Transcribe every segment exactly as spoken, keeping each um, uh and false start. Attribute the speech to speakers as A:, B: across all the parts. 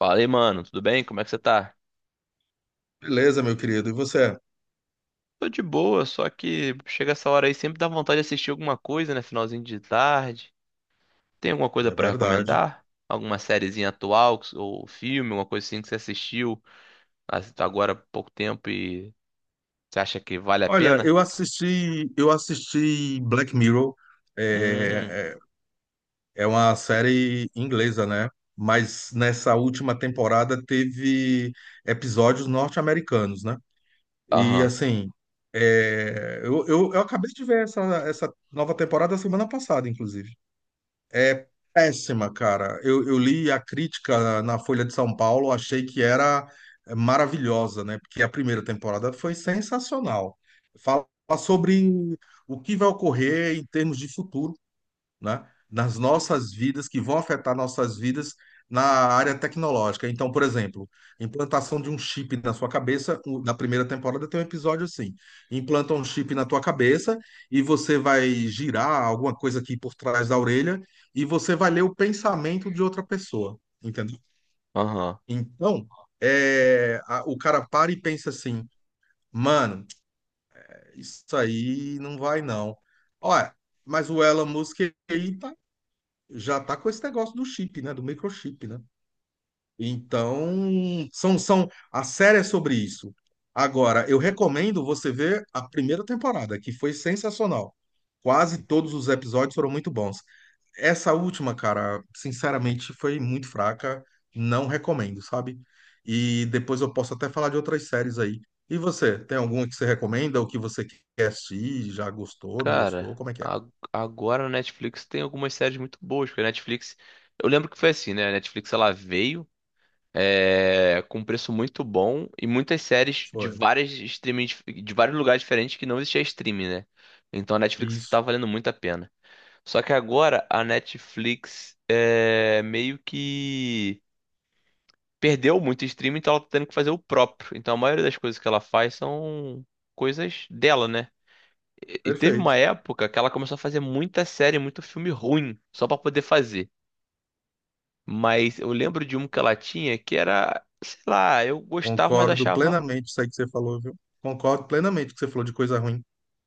A: Fala aí, mano, tudo bem? Como é que você tá?
B: Beleza, meu querido. E você?
A: Tô de boa, só que chega essa hora aí sempre dá vontade de assistir alguma coisa, né? Finalzinho de tarde. Tem alguma coisa
B: É
A: pra
B: verdade.
A: recomendar? Alguma sériezinha atual que- ou filme, alguma coisa assim que você assistiu as- agora há pouco tempo e você acha que vale a
B: Olha,
A: pena?
B: eu assisti, eu assisti Black Mirror.
A: Hum,
B: É, é, é uma série inglesa, né? Mas nessa última temporada teve episódios norte-americanos, né? E
A: aham,
B: assim, é, eu, eu, eu acabei de ver essa, essa nova temporada semana passada, inclusive. É péssima, cara. Eu, eu li a crítica na Folha de São Paulo, achei que era maravilhosa, né? Porque a primeira temporada foi sensacional. Fala sobre o que vai ocorrer em termos de futuro, né, nas nossas vidas, que vão afetar nossas vidas na área tecnológica. Então, por exemplo, implantação de um chip na sua cabeça, o- na primeira temporada tem um episódio assim, implanta um chip na tua cabeça e você vai girar alguma coisa aqui por trás da orelha e você vai ler o pensamento de outra pessoa, entendeu?
A: aham.
B: Então, é, a- o cara para e pensa assim, mano, isso aí não vai não. Olha, mas o Elon Musk aí tá, já tá com esse negócio do chip, né? Do microchip, né? Então, são, são, a série é sobre isso. Agora, eu recomendo você ver a primeira temporada, que foi sensacional. Quase todos os episódios foram muito bons. Essa última, cara, sinceramente, foi muito fraca. Não recomendo, sabe? E depois eu posso até falar de outras séries aí. E você, tem alguma que você recomenda ou que você quer assistir? Já gostou, não gostou?
A: Cara,
B: Como é que é?
A: a- agora a Netflix tem algumas séries muito boas, porque a Netflix. Eu lembro que foi assim, né? A Netflix ela veio. É, com um preço muito bom e muitas séries de
B: Foi.
A: várias streaming, de vários lugares diferentes que não existia streaming, né? Então a Netflix tá
B: Isso.
A: valendo muito a pena. Só que agora a Netflix é, meio que perdeu muito streaming, então ela tá tendo que fazer o próprio. Então a maioria das coisas que ela faz são coisas dela, né? E e teve uma
B: Perfeito.
A: época que ela começou a fazer muita série, muito filme ruim, só pra poder fazer. Mas eu lembro de um que ela tinha que era, sei lá, eu gostava, mas
B: Concordo
A: achava
B: plenamente com isso aí que você falou, viu? Concordo plenamente com o que você falou de coisa ruim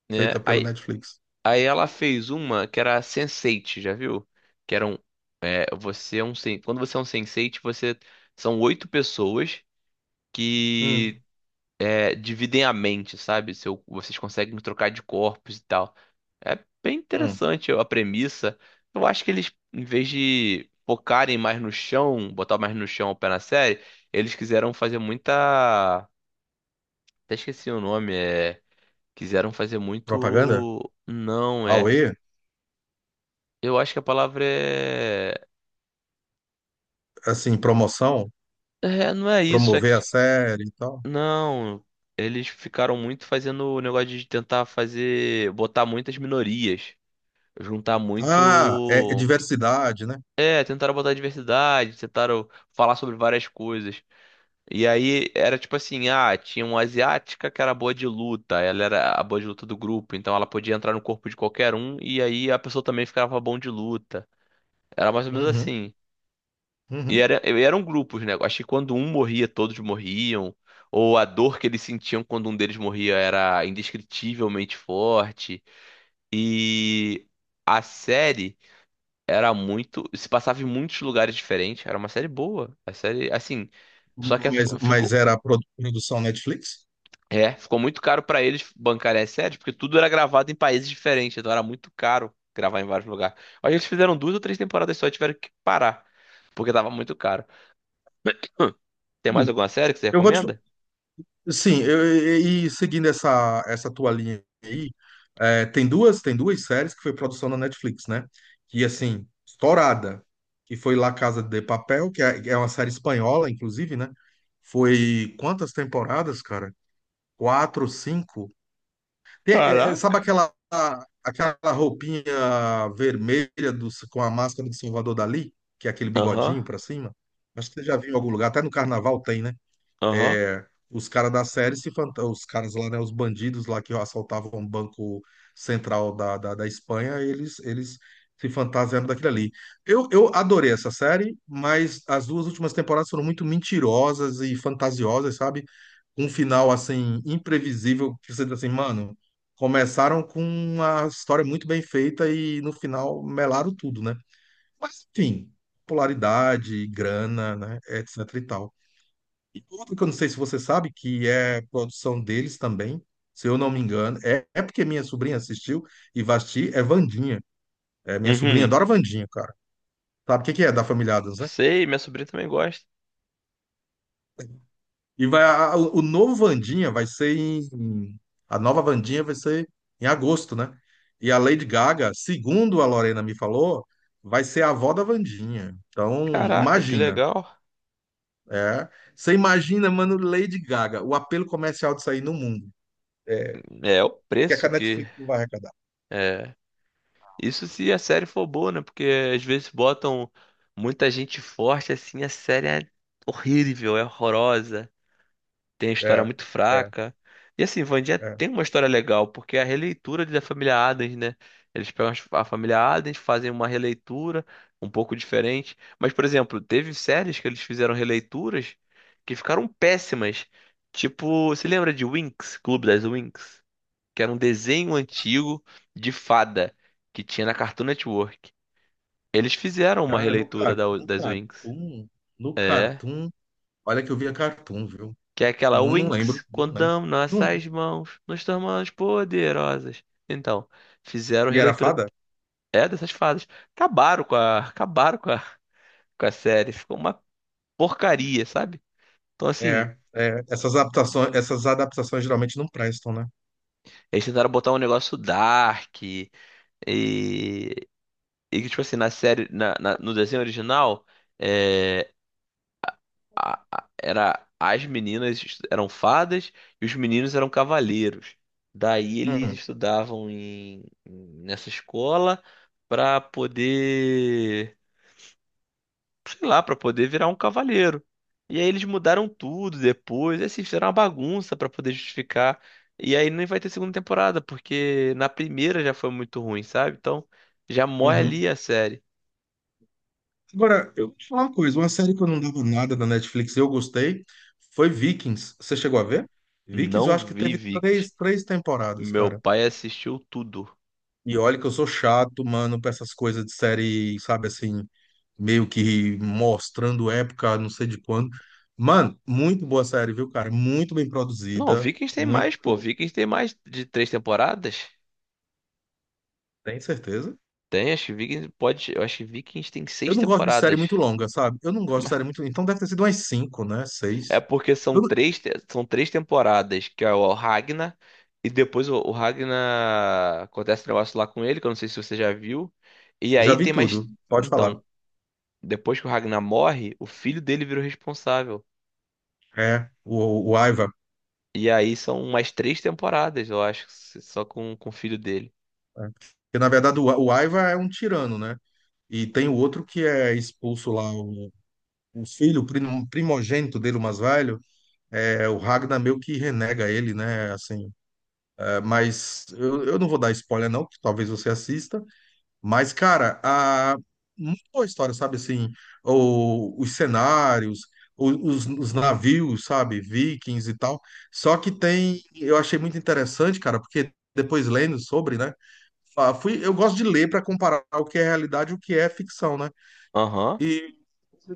A: né?
B: feita pela
A: Aí,
B: Netflix.
A: aí ela fez uma que era sense eight, já viu? Que era um, é, você é um, sen- quando você é um sense eight, você são oito pessoas que
B: Hum,
A: é, dividem a mente, sabe? Seu, vocês conseguem trocar de corpos e tal. É bem
B: hum.
A: interessante a premissa. Eu acho que eles, em vez de focarem mais no chão, botar mais no chão o pé na série, eles quiseram fazer muita, até esqueci o nome, é, quiseram fazer
B: Propaganda?
A: muito, não, é.
B: Auê?
A: Eu acho que a palavra é...
B: Assim, promoção?
A: é. Não é isso, é
B: Promover a
A: que.
B: série e tal?
A: Não. Eles ficaram muito fazendo o negócio de tentar fazer. Botar muitas minorias. Juntar
B: Ah, é, é
A: muito.
B: diversidade, né?
A: É, tentaram botar diversidade, tentaram falar sobre várias coisas. E aí era tipo assim: ah, tinha uma asiática que era boa de luta, ela era a boa de luta do grupo, então ela podia entrar no corpo de qualquer um e aí a pessoa também ficava bom de luta. Era mais ou menos
B: Uhum,
A: assim. E
B: uhum.
A: era, e eram grupos, né? Acho que quando um morria, todos morriam. Ou a dor que eles sentiam quando um deles morria era indescritivelmente forte. E a série era muito. Se passava em muitos lugares diferentes. Era uma série boa. A série, assim. Só que
B: Mas,
A: f-
B: mas
A: ficou.
B: era a produ- produção Netflix?
A: É, ficou muito caro pra eles bancarem as séries, porque tudo era gravado em países diferentes. Então era muito caro gravar em vários lugares. Aí eles fizeram duas ou três temporadas só e tiveram que parar, porque tava muito caro. Hum, Tem mais
B: Sim.
A: alguma série que você
B: Eu vou te,
A: recomenda?
B: Sim, eu- e, e seguindo essa, essa tua linha aí, é, tem duas, tem duas séries que foi produção da Netflix, né? Que, assim, estourada, que foi La Casa de Papel, que é, é uma série espanhola, inclusive, né? Foi quantas temporadas, cara? Quatro, cinco? Tem- é- é, sabe
A: Caraca.
B: aquela, aquela roupinha vermelha do, com a máscara de Salvador Dali? Que é aquele
A: Aham,
B: bigodinho pra cima? Acho que você já viu em algum lugar, até no carnaval tem, né?
A: aham.
B: É, os caras da série se fanta- os caras lá, né, os bandidos lá que assaltavam o Banco Central da, da, da Espanha, eles eles se fantasiaram daquilo ali. Eu, eu adorei essa série, mas as duas últimas temporadas foram muito mentirosas e fantasiosas, sabe? Um final assim imprevisível que você diz assim, mano, começaram com uma história muito bem feita e no final melaram tudo, né? Mas enfim, popularidade, grana, né, etc e tal. E outro que eu não sei se você sabe, que é produção deles também, se eu não me engano, é, é porque minha sobrinha assistiu e vai assistir, é Vandinha. É, minha sobrinha
A: Uhum.
B: adora Vandinha, cara. Sabe o que que é da família Addams, né?
A: Sei, minha sobrinha também gosta.
B: E vai, a- o o novo Vandinha vai ser em. A nova Vandinha vai ser em agosto, né? E a Lady Gaga, segundo a Lorena me falou, vai ser a avó da Vandinha. Então,
A: Caraca, que
B: imagina.
A: legal.
B: É. Você imagina, mano, Lady Gaga, o apelo comercial disso aí no mundo.
A: É o
B: Que é que
A: preço
B: a
A: que
B: Netflix não vai...
A: é. Isso se a série for boa, né? Porque às vezes botam muita gente forte assim, a série é horrível, é horrorosa. Tem história
B: É,
A: muito
B: é,
A: fraca. E assim, Wandinha
B: é.
A: tem uma história legal, porque é a releitura da família Addams, né? Eles pegam as- a família Addams, fazem uma releitura um pouco diferente. Mas, por exemplo, teve séries que eles fizeram releituras que ficaram péssimas. Tipo, você lembra de Winx, Clube das Winx? Que era um desenho antigo de fada que tinha na Cartoon Network. Eles fizeram uma
B: Cara, no
A: releitura
B: Cartoon,
A: da-
B: no
A: das Winx.
B: Cartoon, no
A: É.
B: Cartoon, olha que eu via Cartoon, viu?
A: Que é aquela
B: Não, não lembro,
A: Winx,
B: não
A: quando
B: lembro.
A: damos
B: Não-
A: nossas mãos, nos tornamos poderosas. Então, fizeram
B: e era
A: releitura
B: fada?
A: é dessas fadas. Acabaram com a, acabaram com a, com a série, ficou uma porcaria, sabe? Então, assim,
B: É, é. Essas adaptações, essas adaptações geralmente não prestam, né?
A: eles tentaram botar um negócio dark e e que tipo assim, na série, na, na- no desenho original, é, a- a- era as meninas estu- eram fadas e os meninos eram cavaleiros. Daí eles
B: Hum,
A: estudavam em, em- nessa escola para poder, sei lá, para poder virar um cavaleiro. E aí eles mudaram tudo depois, e assim, fizeram uma bagunça para poder justificar. E aí nem vai ter segunda temporada, porque na primeira já foi muito ruim, sabe? Então já morre
B: uhum.
A: ali a série.
B: Agora, eu vou te falar uma coisa, uma série que eu não dava nada da Netflix e eu gostei foi Vikings. Você chegou a ver? Vikings, eu
A: Não
B: acho que
A: vi
B: teve
A: Vikings.
B: três, três temporadas,
A: Meu
B: cara.
A: pai assistiu tudo.
B: E olha que eu sou chato, mano, pra essas coisas de série, sabe assim, meio que mostrando época, não sei de quando. Mano, muito boa série, viu, cara? Muito bem
A: Não,
B: produzida,
A: Vikings tem mais, pô.
B: muito.
A: Vikings tem mais de três temporadas?
B: Tem certeza?
A: Tem, acho que Vikings pode. Eu acho que Vikings tem
B: Eu
A: seis
B: não gosto de série
A: temporadas.
B: muito longa, sabe? Eu não gosto de série muito. Então deve ter sido umas cinco, né?
A: É
B: Seis.
A: porque são
B: Eu não-
A: três, te- são três temporadas, que é o Ragnar, e depois o, o Ragnar acontece um negócio lá com ele, que eu não sei se você já viu. E
B: já
A: aí
B: vi
A: tem mais.
B: tudo, pode falar.
A: Então, depois que o Ragnar morre, o filho dele vira o responsável.
B: É, o, o Aiva.
A: E aí são mais três temporadas, eu acho, só com, com o filho dele.
B: É. Porque, na verdade, o, o Aiva é um tirano, né? E tem o outro que é expulso lá, o, o filho, o prim- primogênito dele, o mais velho, é, o Ragnar meio que renega ele, né? Assim, mas eu, eu não vou dar spoiler, não, que talvez você assista. Mas, cara, a, muito boa história, sabe? Assim, o, os cenários, o- os, os navios, sabe? Vikings e tal. Só que tem, eu achei muito interessante, cara, porque depois lendo sobre, né? Ah, fui, eu gosto de ler para comparar o que é realidade e o que é ficção, né?
A: Aham,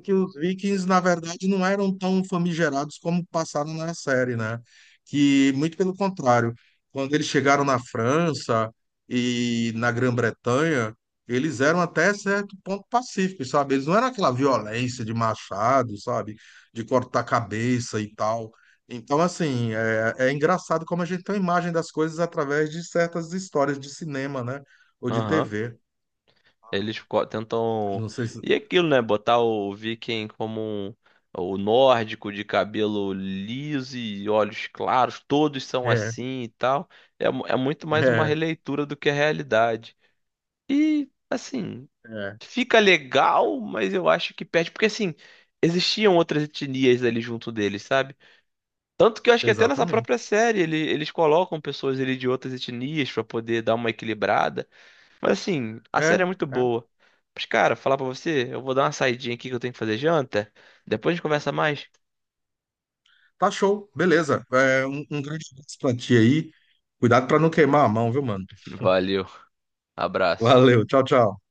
B: Que os Vikings, na verdade, não eram tão famigerados como passaram na série, né? Que, muito pelo contrário, quando eles chegaram na França e na Grã-Bretanha, eles eram até certo ponto pacíficos, sabe? Eles não eram aquela violência de machado, sabe? De cortar a cabeça e tal. Então, assim, é, é engraçado como a gente tem uma imagem das coisas através de certas histórias de cinema, né? Ou de
A: aham.
B: T V.
A: Eles co- tentam.
B: Não sei se.
A: E aquilo, né? Botar o Viking como um- o nórdico de cabelo liso e olhos claros, todos são
B: É,
A: assim e tal. É, mu- é muito mais uma
B: é,
A: releitura do que a realidade. E, assim,
B: é,
A: fica legal, mas eu acho que perde. Porque, assim, existiam outras etnias ali junto deles, sabe? Tanto que eu acho que até nessa própria
B: exatamente.
A: série ele- eles colocam pessoas ali de outras etnias pra poder dar uma equilibrada. Mas assim, a série é
B: É,
A: muito
B: é.
A: boa. Mas, cara, falar pra você, eu vou dar uma saidinha aqui que eu tenho que fazer janta. Depois a gente conversa mais.
B: Tá show, beleza. É, um, um grande abraço pra ti aí. Cuidado pra não queimar a mão, viu, mano?
A: Valeu, abraço.
B: Valeu, tchau, tchau.